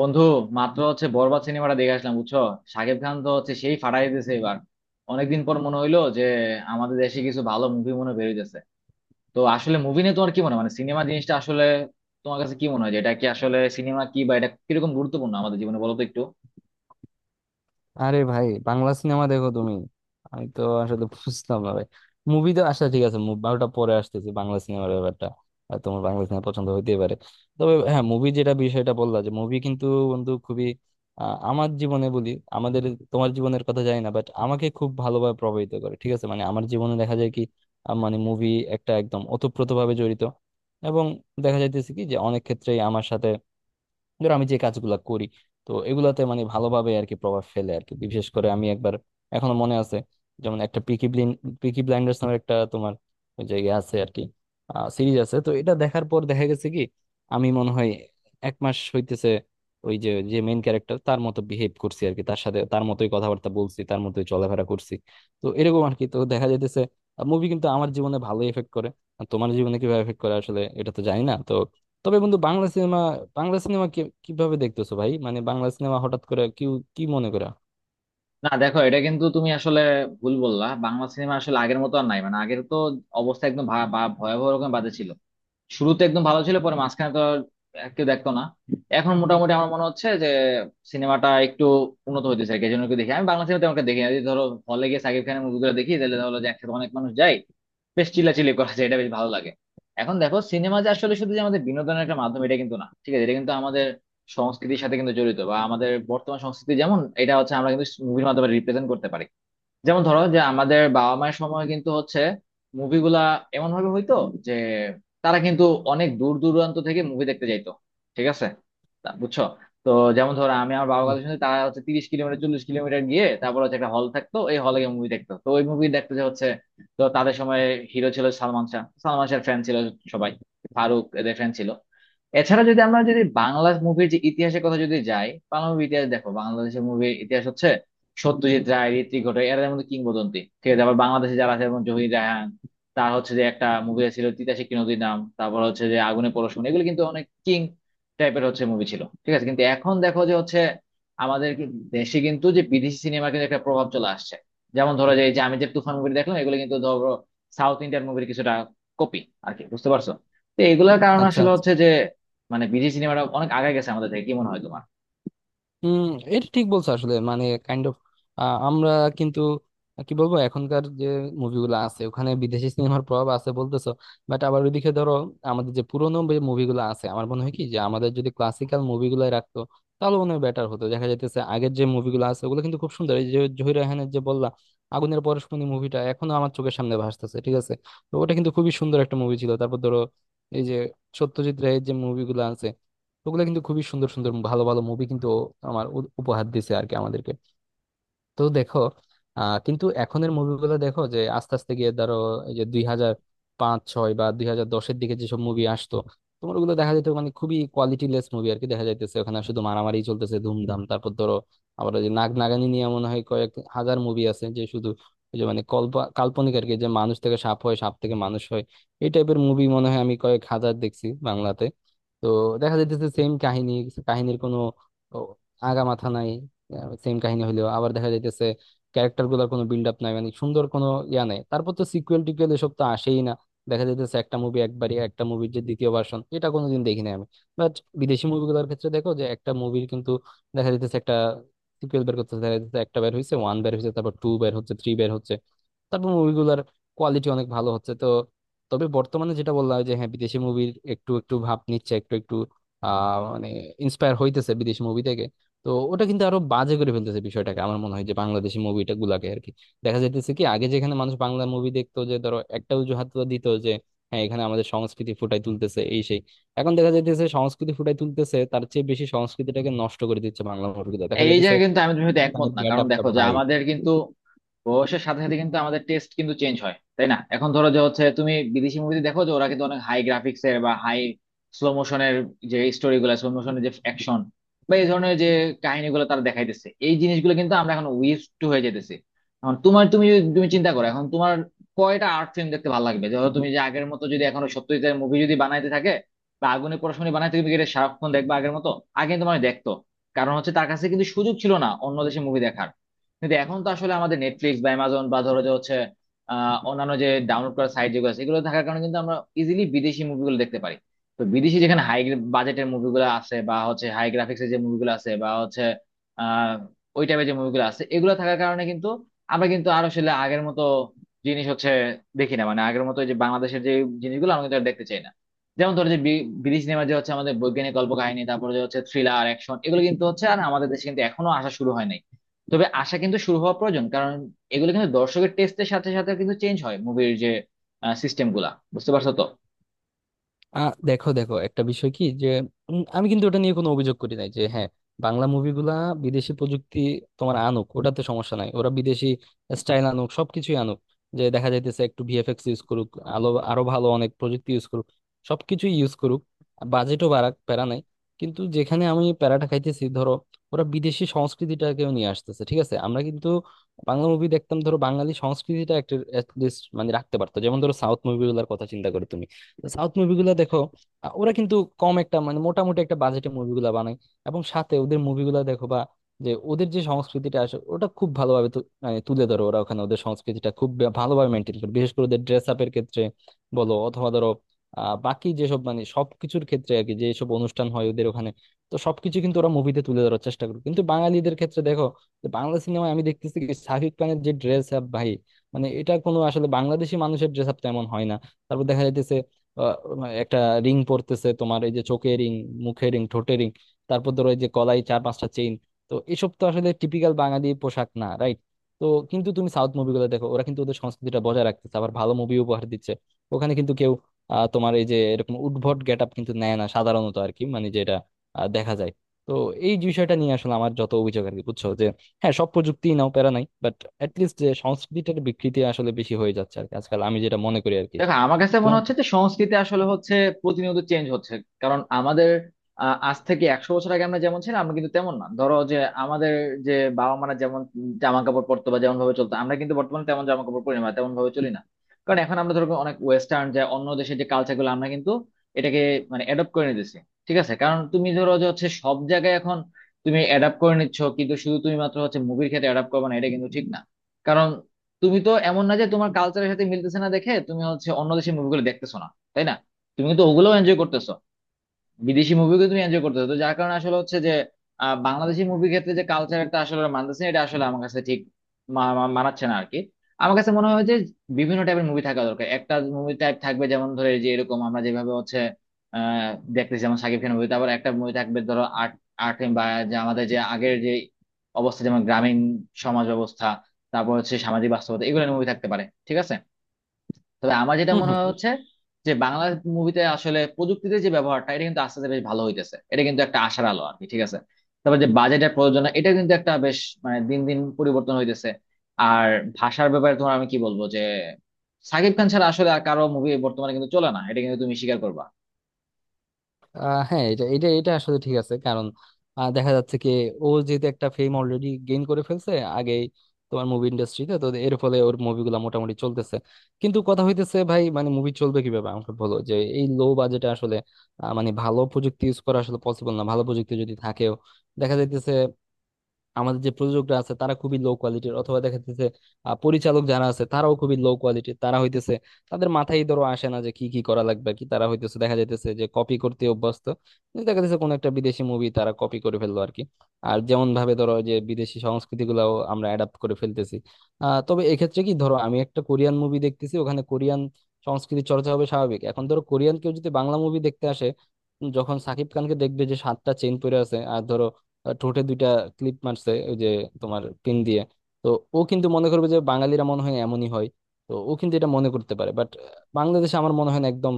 বন্ধু, মাত্র হচ্ছে বরবাদ সিনেমাটা দেখে আসলাম বুঝছো। শাকিব খান তো হচ্ছে সেই ফাটাই দিতেছে এবার। অনেকদিন পর মনে হইলো যে আমাদের দেশে কিছু ভালো মুভি মনে হয় বেরোইতেছে। তো আসলে মুভি নিয়ে তোমার কি মনে হয়, মানে সিনেমা জিনিসটা আসলে তোমার কাছে কি মনে হয়, যে এটা কি আসলে সিনেমা কি, বা এটা কিরকম গুরুত্বপূর্ণ আমাদের জীবনে, বলো তো একটু। আরে ভাই, বাংলা সিনেমা দেখো তুমি? আমি তো আসলে বুঝতাম না, ভাই। মুভি তো, আচ্ছা ঠিক আছে, মুভি ওটা পরে আসতেছে, বাংলা সিনেমার ব্যাপারটা। আর তোমার বাংলা সিনেমা পছন্দ হইতেই পারে। তবে হ্যাঁ, মুভি যেটা বিষয়টা বললা, যে মুভি কিন্তু বন্ধু, খুবই আমার জীবনে বলি আমাদের, তোমার জীবনের কথা জানি না, বাট আমাকে খুব ভালোভাবে প্রভাবিত করে, ঠিক আছে। মানে আমার জীবনে দেখা যায় কি, মানে মুভি একটা একদম ওতপ্রোতভাবে জড়িত। এবং দেখা যাইতেছে কি যে অনেক ক্ষেত্রেই আমার সাথে, ধরো আমি যে কাজগুলা করি, তো এগুলাতে মানে ভালোভাবে আর কি প্রভাব ফেলে আর কি। বিশেষ করে আমি একবার, এখনো মনে আছে, যেমন একটা পিকি ব্লাইন্ডার্স নামের একটা তোমার ওই যে ইয়ে আছে আর কি, সিরিজ আছে, তো এটা দেখার পর দেখা গেছে কি আমি মনে হয় 1 মাস হইতেছে ওই যে, যে মেইন ক্যারেক্টার, তার মতো বিহেভ করছি আর কি, তার সাথে তার মতোই কথাবার্তা বলছি, তার মতোই চলাফেরা করছি। তো এরকম আর কি, তো দেখা যাইতেছে মুভি কিন্তু আমার জীবনে ভালো এফেক্ট করে। আর তোমার জীবনে কিভাবে এফেক্ট করে আসলে এটা তো জানি না তো। তবে বন্ধু, বাংলা সিনেমা, বাংলা সিনেমা কিভাবে দেখতেছো ভাই? মানে বাংলা সিনেমা হঠাৎ করে কি, কি মনে করা? না দেখো, এটা কিন্তু তুমি আসলে ভুল বললা। বাংলা সিনেমা আসলে আগের মতো আর নাই, মানে আগের তো অবস্থা একদম ভা- ভা- ভয়াবহ রকম বাজে ছিল। শুরুতে একদম ভালো ছিল, পরে মাঝখানে তো আর কেউ দেখতো না। এখন মোটামুটি আমার মনে হচ্ছে যে সিনেমাটা একটু উন্নত হইতেছে আর কি, এই জন্য একটু দেখি। আমি বাংলা সিনেমা তেমন একটা দেখি না, যদি ধরো হলে গিয়ে সাকিব খানের মুভিগুলো দেখি তাহলে ধরো যে একসাথে অনেক মানুষ যায়, বেশ চিল্লাচিল্লি করা যায়, এটা বেশ ভালো লাগে। এখন দেখো, সিনেমা যে আসলে শুধু যে আমাদের বিনোদনের একটা মাধ্যম এটা কিন্তু না, ঠিক আছে, এটা কিন্তু আমাদের সংস্কৃতির সাথে কিন্তু জড়িত, বা আমাদের বর্তমান সংস্কৃতি যেমন এটা হচ্ছে আমরা কিন্তু মুভির মাধ্যমে রিপ্রেজেন্ট করতে পারি। যেমন ধরো যে আমাদের বাবা মায়ের সময় কিন্তু হচ্ছে মুভিগুলা এমন ভাবে হইতো যে তারা কিন্তু অনেক দূর দূরান্ত থেকে মুভি দেখতে যাইতো। ঠিক আছে, তা বুঝছো তো। যেমন ধরো আমি আমার বাবার কথা শুনে, তারা হচ্ছে 30 কিলোমিটার 40 কিলোমিটার গিয়ে তারপর হচ্ছে একটা হল থাকতো, এই হলে গিয়ে মুভি দেখতো। তো ওই মুভি দেখতে যে হচ্ছে, তো তাদের সময় হিরো ছিল সালমান শাহ, সালমান শাহের ফ্যান ছিল সবাই, ফারুক এদের ফ্যান ছিল। এছাড়া যদি আমরা যদি বাংলা মুভির যে ইতিহাসের কথা যদি যাই, বাংলা মুভির ইতিহাস দেখো, বাংলাদেশের মুভির ইতিহাস হচ্ছে সত্যজিৎ রায়, ঋত্বিক ঘটক, এরা মধ্যে কিংবদন্তি। ঠিক আছে, আবার বাংলাদেশে যারা আছে যেমন জহির রায়হান, তার হচ্ছে যে একটা মুভি ছিল তিতাসে কি নদীর নাম, তারপর হচ্ছে যে আগুনে পরশমণি, এগুলো কিন্তু অনেক কিং টাইপের হচ্ছে মুভি ছিল। ঠিক আছে, কিন্তু এখন দেখো যে হচ্ছে আমাদের দেশে কিন্তু যে বিদেশি সিনেমার কিন্তু একটা প্রভাব চলে আসছে। যেমন ধরো যে এই যে আমি যে তুফান মুভি দেখলাম, এগুলো কিন্তু ধরো সাউথ ইন্ডিয়ান মুভির কিছুটা কপি আর কি, বুঝতে পারছো? তো এগুলোর কারণে আচ্ছা। আসলে হচ্ছে যে মানে বিদেশি সিনেমাটা অনেক আগায় গেছে আমাদের থেকে, কি মনে হয় তোমার? হুম। এটা ঠিক বলছো আসলে, মানে কাইন্ড অফ আমরা কিন্তু কি বলবো, এখনকার যে মুভিগুলো আছে ওখানে বিদেশি সিনেমার প্রভাব আছে বলতেছো। বাট আবার ওইদিকে ধরো, আমাদের যে পুরোনো যে মুভিগুলো আছে, আমার মনে হয় কি যে আমাদের যদি ক্লাসিক্যাল মুভিগুলো রাখতো তাহলে মনে হয় বেটার হতো। দেখা যাইতেছে আগের যে মুভিগুলো আছে ওগুলো কিন্তু খুব সুন্দর। এই যে জহির রায়হানের যে বললা, আগুনের পরশমণি মুভিটা এখনো আমার চোখের সামনে ভাসতেছে, ঠিক আছে। তো ওটা কিন্তু খুবই সুন্দর একটা মুভি ছিল। তারপর ধরো এই যে সত্যজিৎ রায়ের যে মুভিগুলো আছে, ওগুলো কিন্তু খুবই সুন্দর সুন্দর ভালো ভালো মুভি কিন্তু আমার উপহার দিছে আর কি আমাদেরকে। তো দেখো, আহ কিন্তু এখনের মুভিগুলো দেখো যে আস্তে আস্তে গিয়ে ধরো এই যে 2005-6 বা দুই হাজার দশের দিকে যেসব মুভি আসতো, তোমার ওগুলো দেখা যেত মানে খুবই কোয়ালিটিলেস মুভি আর কি। দেখা যাইতেছে ওখানে শুধু মারামারি চলতেছে, ধুমধাম। তারপর ধরো আবার ওই যে নাগ নাগানি নিয়ে মনে হয় কয়েক হাজার মুভি আছে, যে শুধু ওই যে মানে কল্প কাল্পনিক আর কি, যে মানুষ থেকে সাপ হয়, সাপ থেকে মানুষ হয়। এই টাইপের মুভি মনে হয় আমি কয়েক হাজার দেখছি বাংলাতে। তো দেখা যাইতেছে সেম কাহিনী, কাহিনীর কোনো ও, আগা মাথা নাই। সেম কাহিনী হইলো আবার, দেখা যাইতেছে ক্যারেক্টার গুলার কোনো বিল্ড আপ নাই, মানে সুন্দর কোনো ইয়া নাই। তারপর তো সিকুয়েল টিকুয়েল এসব তো আসেই না। দেখা যাইতেছে একটা মুভি একবারই, একটা মুভির যে দ্বিতীয় ভার্সন এটা কোনোদিন দেখি নাই আমি। বাট বিদেশি মুভিগুলোর ক্ষেত্রে দেখো যে একটা মুভির কিন্তু দেখা যাইতেছে একটা সিকুয়েল বের করতেছে। দেখা যাইতেছে একটা বের হয়েছে, ওয়ান বের হয়েছে, তারপর টু বের হচ্ছে, থ্রি বের হচ্ছে। তারপর মুভিগুলোর কোয়ালিটি অনেক ভালো হচ্ছে। তো তবে বর্তমানে যেটা বললাম যে হ্যাঁ বিদেশি মুভির একটু একটু ভাব নিচ্ছে, একটু একটু মানে ইন্সপায়ার হইতেছে বিদেশি মুভি থেকে। তো ওটা কিন্তু আরো বাজে করে ফেলতেছে বিষয়টাকে, আমার মনে হয়, যে বাংলাদেশি মুভিটা গুলাকে আর কি। দেখা যাইতেছে কি আগে যেখানে মানুষ বাংলা মুভি দেখতো, যে ধরো একটা অজুহাত তো দিত যে হ্যাঁ এখানে আমাদের সংস্কৃতি ফুটাই তুলতেছে, এই সেই। এখন দেখা যাইতেছে সংস্কৃতি ফুটাই তুলতেছে তার চেয়ে বেশি সংস্কৃতিটাকে নষ্ট করে দিচ্ছে বাংলা মুভিগুলো, দেখা এই যাইতেছে জায়গায় কিন্তু আমি তুমি হয়তো একমত পাকিস্তানের না, গেট কারণ আপটা, দেখো যে ভাই। আমাদের কিন্তু বয়সের সাথে সাথে কিন্তু আমাদের টেস্ট কিন্তু চেঞ্জ হয়, তাই না। এখন ধরো যে হচ্ছে তুমি বিদেশি মুভিতে দেখো যে ওরা কিন্তু অনেক হাই গ্রাফিক্স এর বা হাই স্লো মোশনের যে স্টোরি গুলা, স্লো মোশনের যে অ্যাকশন বা এই ধরনের যে কাহিনীগুলো তারা দেখাইতেছে, এই জিনিসগুলো কিন্তু আমরা এখন উইজ টু হয়ে যেতেছি। এখন তোমার, তুমি তুমি চিন্তা করো এখন তোমার কয়টা আর্ট ফিল্ম দেখতে ভালো লাগবে। ধরো তুমি যে আগের মতো যদি এখন সত্যজিতের মুভি যদি বানাইতে থাকে বা আগুনে পড়াশোনা বানাইতে, তুমি কি এটা সারাক্ষণ দেখবা আগের মতো? আগে কিন্তু মানে দেখতো কারণ হচ্ছে তার কাছে কিন্তু সুযোগ ছিল না অন্য দেশে মুভি দেখার। কিন্তু এখন তো আসলে আমাদের নেটফ্লিক্স বা অ্যামাজন বা ধরো যে হচ্ছে অন্যান্য যে ডাউনলোড করার সাইট যেগুলো আছে, এগুলো থাকার কারণে কিন্তু আমরা ইজিলি বিদেশি মুভিগুলো দেখতে পারি। তো বিদেশি যেখানে হাই বাজেটের মুভিগুলো আছে বা হচ্ছে হাই গ্রাফিক্সের যে মুভিগুলো আছে বা হচ্ছে আহ ওই টাইপের যে মুভিগুলো আছে, এগুলো থাকার কারণে কিন্তু আমরা কিন্তু আর আসলে আগের মতো জিনিস হচ্ছে দেখি না, মানে আগের মতো যে বাংলাদেশের যে জিনিসগুলো আমরা কিন্তু আর দেখতে চাই না। যেমন ধরো যে বিদেশি সিনেমা যে হচ্ছে আমাদের বৈজ্ঞানিক কল্পকাহিনী, তারপরে যে হচ্ছে থ্রিলার অ্যাকশন, এগুলো কিন্তু হচ্ছে আর আমাদের দেশে কিন্তু এখনো আসা শুরু হয়নি। তবে আশা কিন্তু শুরু হওয়া প্রয়োজন, কারণ এগুলো কিন্তু দর্শকের টেস্টের সাথে সাথে কিন্তু চেঞ্জ হয় মুভির যে সিস্টেম গুলা, বুঝতে পারছো তো। আ দেখো দেখো একটা বিষয় কি, যে আমি কিন্তু ওটা নিয়ে কোনো অভিযোগ করি নাই যে হ্যাঁ, বাংলা মুভিগুলা বিদেশি প্রযুক্তি তোমার আনুক, ওটাতে সমস্যা নাই। ওরা বিদেশি স্টাইল আনুক, সবকিছুই আনুক, যে দেখা যাইতেছে একটু ভিএফএক্স ইউজ করুক, আলো আরো ভালো অনেক প্রযুক্তি ইউজ করুক, সবকিছুই ইউজ করুক, বাজেটও বাড়াক, প্যারা নাই। কিন্তু যেখানে আমি প্যারাটা খাইতেছি, ধরো ওরা বিদেশি সংস্কৃতিটাকেও নিয়ে আসতেছে, ঠিক আছে। আমরা কিন্তু বাংলা মুভি দেখতাম, ধরো বাঙালি সংস্কৃতিটা একটা at least মানে রাখতে পারতো। যেমন ধরো সাউথ মুভিগুলোর কথা চিন্তা করো তুমি, সাউথ মুভিগুলো দেখো, ওরা কিন্তু কম একটা মানে মোটামুটি একটা বাজেটে মুভিগুলো বানায়। এবং সাথে ওদের মুভিগুলো দেখো বা যে ওদের যে সংস্কৃতিটা আসে ওটা খুব ভালোভাবে মানে তুলে ধরো, ওরা ওখানে ওদের সংস্কৃতিটা খুব ভালোভাবে মেনটেন করে, বিশেষ করে ওদের ড্রেস আপের ক্ষেত্রে বলো, অথবা ধরো বাকি যেসব মানে সবকিছুর ক্ষেত্রে আর কি, যেসব অনুষ্ঠান হয় ওদের ওখানে। তো সবকিছু কিন্তু ওরা মুভিতে তুলে ধরার চেষ্টা করে। কিন্তু বাঙালিদের ক্ষেত্রে দেখো যে বাংলা সিনেমায় আমি দেখতেছি কি শাকিব খানের যে ড্রেস আপ, ভাই, মানে এটা কোনো আসলে বাংলাদেশি মানুষের ড্রেস আপ তেমন হয় না। তারপর দেখা যাইতেছে আহ, একটা রিং পরতেছে তোমার, এই যে চোখে রিং, মুখে রিং, ঠোঁটে রিং, তারপর ধরো এই যে গলায় 4-5টা চেইন। তো এসব তো আসলে টিপিক্যাল বাঙালি পোশাক না, রাইট? তো কিন্তু তুমি সাউথ মুভিগুলো দেখো, ওরা কিন্তু ওদের সংস্কৃতিটা বজায় রাখতেছে, আবার ভালো মুভি উপহার দিচ্ছে। ওখানে কিন্তু কেউ তোমার এই যে এরকম উদ্ভট গেট আপ কিন্তু নেয় না সাধারণত আর কি, মানে যেটা দেখা যায়। তো এই বিষয়টা নিয়ে আসলে আমার যত অভিযোগ আর কি, বুঝছো, যে হ্যাঁ সব প্রযুক্তি নাও, প্যারা নাই, বাট লিস্ট যে সংস্কৃতিটার বিকৃতি আসলে বেশি হয়ে যাচ্ছে আর কি আজকাল, আমি যেটা মনে করি আর কি। দেখো, আমার কাছে মনে তোমার হচ্ছে যে সংস্কৃতি আসলে হচ্ছে প্রতিনিয়ত চেঞ্জ হচ্ছে, কারণ আমাদের আজ থেকে 100 বছর আগে আমরা যেমন ছিলাম আমরা কিন্তু তেমন না। ধরো যে আমাদের যে বাবা মারা যেমন জামা কাপড় পরতো বা যেমন ভাবে চলতো, আমরা কিন্তু বর্তমানে তেমন জামা কাপড় পরি না বা তেমন ভাবে চলি না, কারণ এখন আমরা ধরো অনেক ওয়েস্টার্ন যে অন্য দেশের যে কালচার গুলো আমরা কিন্তু এটাকে মানে অ্যাডপ্ট করে নিতেছি। ঠিক আছে, কারণ তুমি ধরো যে হচ্ছে সব জায়গায় এখন তুমি অ্যাডাপ্ট করে নিচ্ছ, কিন্তু শুধু তুমি মাত্র হচ্ছে মুভির ক্ষেত্রে অ্যাডাপ্ট করবে না, এটা কিন্তু ঠিক না। কারণ তুমি তো এমন না যে তোমার কালচারের সাথে মিলতেছে না দেখে তুমি হচ্ছে অন্য দেশের মুভিগুলো দেখতেছো না, তাই না? তুমি কিন্তু ওগুলোও এনজয় করতেছো, বিদেশি মুভিকে তুমি এনজয় করতেছো। তো যার কারণে আসলে হচ্ছে যে বাংলাদেশি মুভির ক্ষেত্রে যে কালচার একটা আসলে মানতেছে না, এটা আসলে আমার কাছে ঠিক মা- মা- মানাচ্ছে না আরকি। আমার কাছে মনে হয় যে বিভিন্ন টাইপের মুভি থাকা দরকার। একটা মুভি টাইপ থাকবে যেমন ধরে যে এরকম আমরা যেভাবে হচ্ছে আহ দেখতেছি, যেমন শাকিব খানের মুভি। তারপর একটা মুভি থাকবে ধরো আর্ট, আর্ট বা যে আমাদের যে আগের যে অবস্থা যেমন গ্রামীণ সমাজ ব্যবস্থা, তারপর হচ্ছে সামাজিক বাস্তবতা, এগুলো মুভি থাকতে পারে। ঠিক আছে, তবে আমার যেটা হুম মনে হুম। হয় হচ্ছে যে বাংলা মুভিতে আসলে প্রযুক্তিতে যে ব্যবহারটা, এটা কিন্তু আস্তে আস্তে বেশ ভালো হইতেছে, এটা কিন্তু একটা আশার আলো আর কি। ঠিক আছে, তারপর যে বাজেটের প্রযোজনা এটা কিন্তু একটা বেশ মানে দিন দিন পরিবর্তন হইতেছে। আর ভাষার ব্যাপারে তোমার আমি কি বলবো যে সাকিব খান ছাড়া আসলে আর কারো মুভি বর্তমানে কিন্তু চলে না, এটা কিন্তু তুমি স্বীকার করবা। হ্যাঁ, এটা এটা এটা আসলে ঠিক আছে। কারণ দেখা যাচ্ছে কি ও যেহেতু একটা ফেম অলরেডি গেইন করে ফেলছে আগে তোমার মুভি ইন্ডাস্ট্রিতে, তো এর ফলে ওর মুভিগুলো মোটামুটি চলতেছে। কিন্তু কথা হইতেছে ভাই, মানে মুভি চলবে কিভাবে আমাকে বলো, যে এই লো বাজেটে আসলে মানে ভালো প্রযুক্তি ইউজ করা আসলে পসিবল না। ভালো প্রযুক্তি যদি থাকেও, দেখা যাইতেছে আমাদের যে প্রযোজকরা আছে তারা খুবই লো কোয়ালিটির, অথবা দেখা যাচ্ছে পরিচালক যারা আছে তারাও খুবই লো কোয়ালিটির। তারা হইতেছে, তাদের মাথায় ধরো আসে না যে কি কি করা লাগবে আর কি, তারা হইতেছে দেখা যাইতেছে যে কপি করতে অভ্যস্ত। কিন্তু দেখা যাচ্ছে কোনো একটা বিদেশি মুভি তারা কপি করে ফেললো আর কি। আর যেমন ভাবে ধরো যে বিদেশি সংস্কৃতি গুলাও আমরা অ্যাডাপ্ট করে ফেলতেছি। আহ তবে এক্ষেত্রে কি, ধরো আমি একটা কোরিয়ান মুভি দেখতেছি, ওখানে কোরিয়ান সংস্কৃতি চর্চা হবে স্বাভাবিক। এখন ধরো কোরিয়ান কেউ যদি বাংলা মুভি দেখতে আসে, যখন সাকিব খানকে দেখবে যে 7টা চেইন পরে আছে, আর ধরো ঠোঁটে 2টা ক্লিপ মারছে ওই যে তোমার পিন দিয়ে, তো ও কিন্তু মনে করবে যে বাঙালিরা মনে হয় এমনই হয়। তো ও কিন্তু এটা মনে করতে পারে, বাট বাংলাদেশে আমার মনে হয় না একদম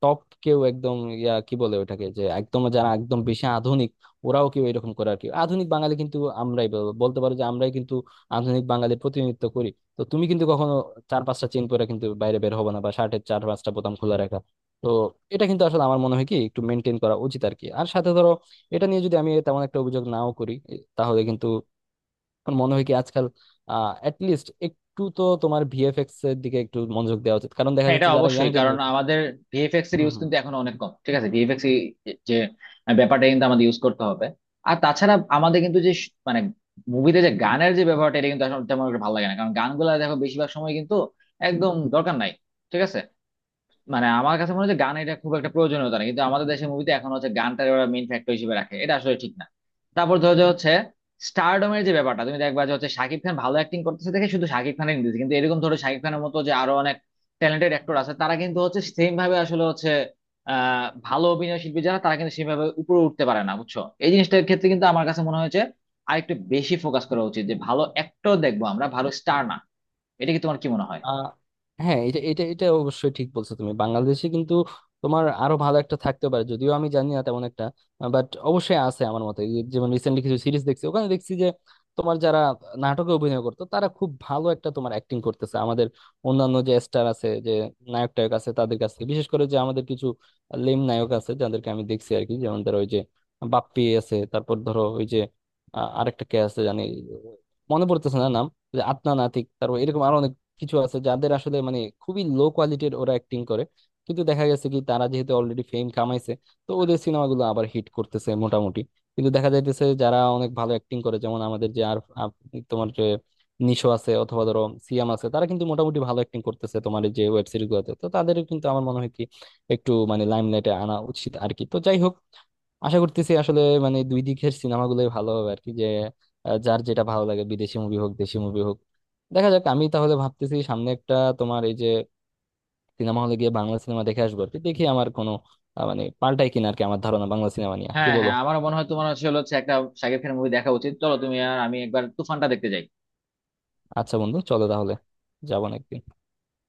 টপ কেউ একদম ইয়া, কি বলে ওটাকে, যে একদম যারা একদম বেশি আধুনিক ওরাও কেউ এরকম করে আর কি। আধুনিক বাঙালি কিন্তু আমরাই বলতে পারো যে আমরাই কিন্তু আধুনিক বাঙালির প্রতিনিধিত্ব করি। তো তুমি কিন্তু কখনো 4-5টা চেন পরে কিন্তু বাইরে বের হবে না, বা শার্টের 4-5টা বোতাম খোলা রাখা। তো এটা কিন্তু আসলে আমার মনে হয় কি একটু মেনটেন করা উচিত আর কি। আর সাথে ধরো এটা নিয়ে যদি আমি তেমন একটা অভিযোগ নাও করি তাহলে কিন্তু আমার মনে হয় কি আজকাল আহ লিস্ট একটু তো তোমার ভিএফএক্স এর দিকে একটু মনোযোগ দেওয়া উচিত, কারণ দেখা হ্যাঁ, এটা যাচ্ছে যারা ইয়াং অবশ্যই, কারণ জেনারেশন। আমাদের ভিএফএক্স এর ইউজ কিন্তু এখন অনেক কম। ঠিক আছে, ভিএফএক্স যে ব্যাপারটা কিন্তু আমাদের ইউজ করতে হবে। আর তাছাড়া আমাদের কিন্তু যে মানে মুভিতে যে গানের যে ব্যাপারটা এটা কিন্তু আসলে তেমন একটা ভালো লাগে না, কারণ গানগুলা দেখো বেশিরভাগ সময় কিন্তু একদম দরকার নাই। ঠিক আছে, মানে আমার কাছে মনে হচ্ছে গান এটা খুব একটা প্রয়োজনীয়তা না, কিন্তু আমাদের দেশের মুভিতে এখন হচ্ছে গানটার ওরা মেইন ফ্যাক্টর হিসেবে রাখে, এটা আসলে ঠিক না। তারপর ধরো যে হচ্ছে স্টারডমের যে ব্যাপারটা, তুমি দেখবা যে হচ্ছে শাকিব খান ভালো অ্যাক্টিং করতেছে দেখে শুধু শাকিব খানের নিতেছে, কিন্তু এরকম ধরো শাকিব খানের মতো যে আরো অনেক ট্যালেন্টেড অ্যাক্টর আছে, তারা কিন্তু হচ্ছে সেম ভাবে আসলে হচ্ছে ভালো অভিনয় শিল্পী যারা, তারা কিন্তু সেভাবে উপরে উঠতে পারে না, বুঝছো। এই জিনিসটার ক্ষেত্রে কিন্তু আমার কাছে মনে হয়েছে আরেকটু বেশি ফোকাস করা উচিত, যে ভালো অ্যাক্টর দেখবো আমরা, ভালো স্টার না। এটা কি, তোমার কি মনে হয়? আহ হ্যাঁ, এটা এটা এটা অবশ্যই ঠিক বলছো তুমি। বাংলাদেশে কিন্তু তোমার আরো ভালো একটা থাকতে পারে, যদিও আমি জানি না তেমন একটা, বাট অবশ্যই আছে আমার মতে। এই যেমন রিসেন্টলি কিছু সিরিজ দেখছি, ওখানে দেখছি যে তোমার যারা নাটকে অভিনয় করতো তারা খুব ভালো একটা তোমার অ্যাক্টিং করতেছে। আমাদের অন্যান্য যে স্টার আছে, যে নায়ক টায়ক আছে তাদের কাছে, বিশেষ করে যে আমাদের কিছু লেম নায়ক আছে যাদেরকে আমি দেখছি আর কি, যেমন ধরো ওই যে বাপ্পি আছে, তারপর ধরো ওই যে আরেকটা কে আছে জানি, মনে পড়তেছে না নাম, ওই যে আদনান আতিক, তারপর এরকম আরো কিছু আছে যাদের আসলে মানে খুবই লো কোয়ালিটির ওরা অ্যাক্টিং করে। কিন্তু দেখা গেছে কি তারা যেহেতু অলরেডি ফেম কামাইছে, তো ওদের সিনেমাগুলো আবার হিট করতেছে মোটামুটি। কিন্তু দেখা যাইতেছে যারা অনেক ভালো অ্যাক্টিং করে যেমন আমাদের যে আর আর তোমার যে নিশো আছে অথবা ধরো সিয়াম আছে, তারা কিন্তু মোটামুটি ভালো অ্যাক্টিং করতেছে তোমার এই যে ওয়েব সিরিজ গুলোতে। তো তাদের কিন্তু আমার মনে হয় কি একটু মানে লাইমলাইটে আনা উচিত আর কি। তো যাই হোক, আশা করতেছি আসলে মানে দুই দিকের সিনেমাগুলোই ভালো হবে আর কি, যে যার যেটা ভালো লাগে, বিদেশি মুভি হোক, দেশি মুভি হোক, দেখা যাক। আমি তাহলে ভাবতেছি সামনে একটা তোমার এই যে সিনেমা হলে গিয়ে বাংলা সিনেমা দেখে আসবো আর কি, দেখি আমার কোনো মানে পাল্টাই কিনা আর কি আমার ধারণা বাংলা সিনেমা নিয়ে, কি হ্যাঁ বলো? হ্যাঁ, আমারও মনে হয় তোমার আসলে হচ্ছে একটা শাকিব খানের মুভি দেখা উচিত। চলো তুমি আর আমি একবার তুফানটা দেখতে যাই। আচ্ছা বন্ধু, চলো তাহলে, যাবো না।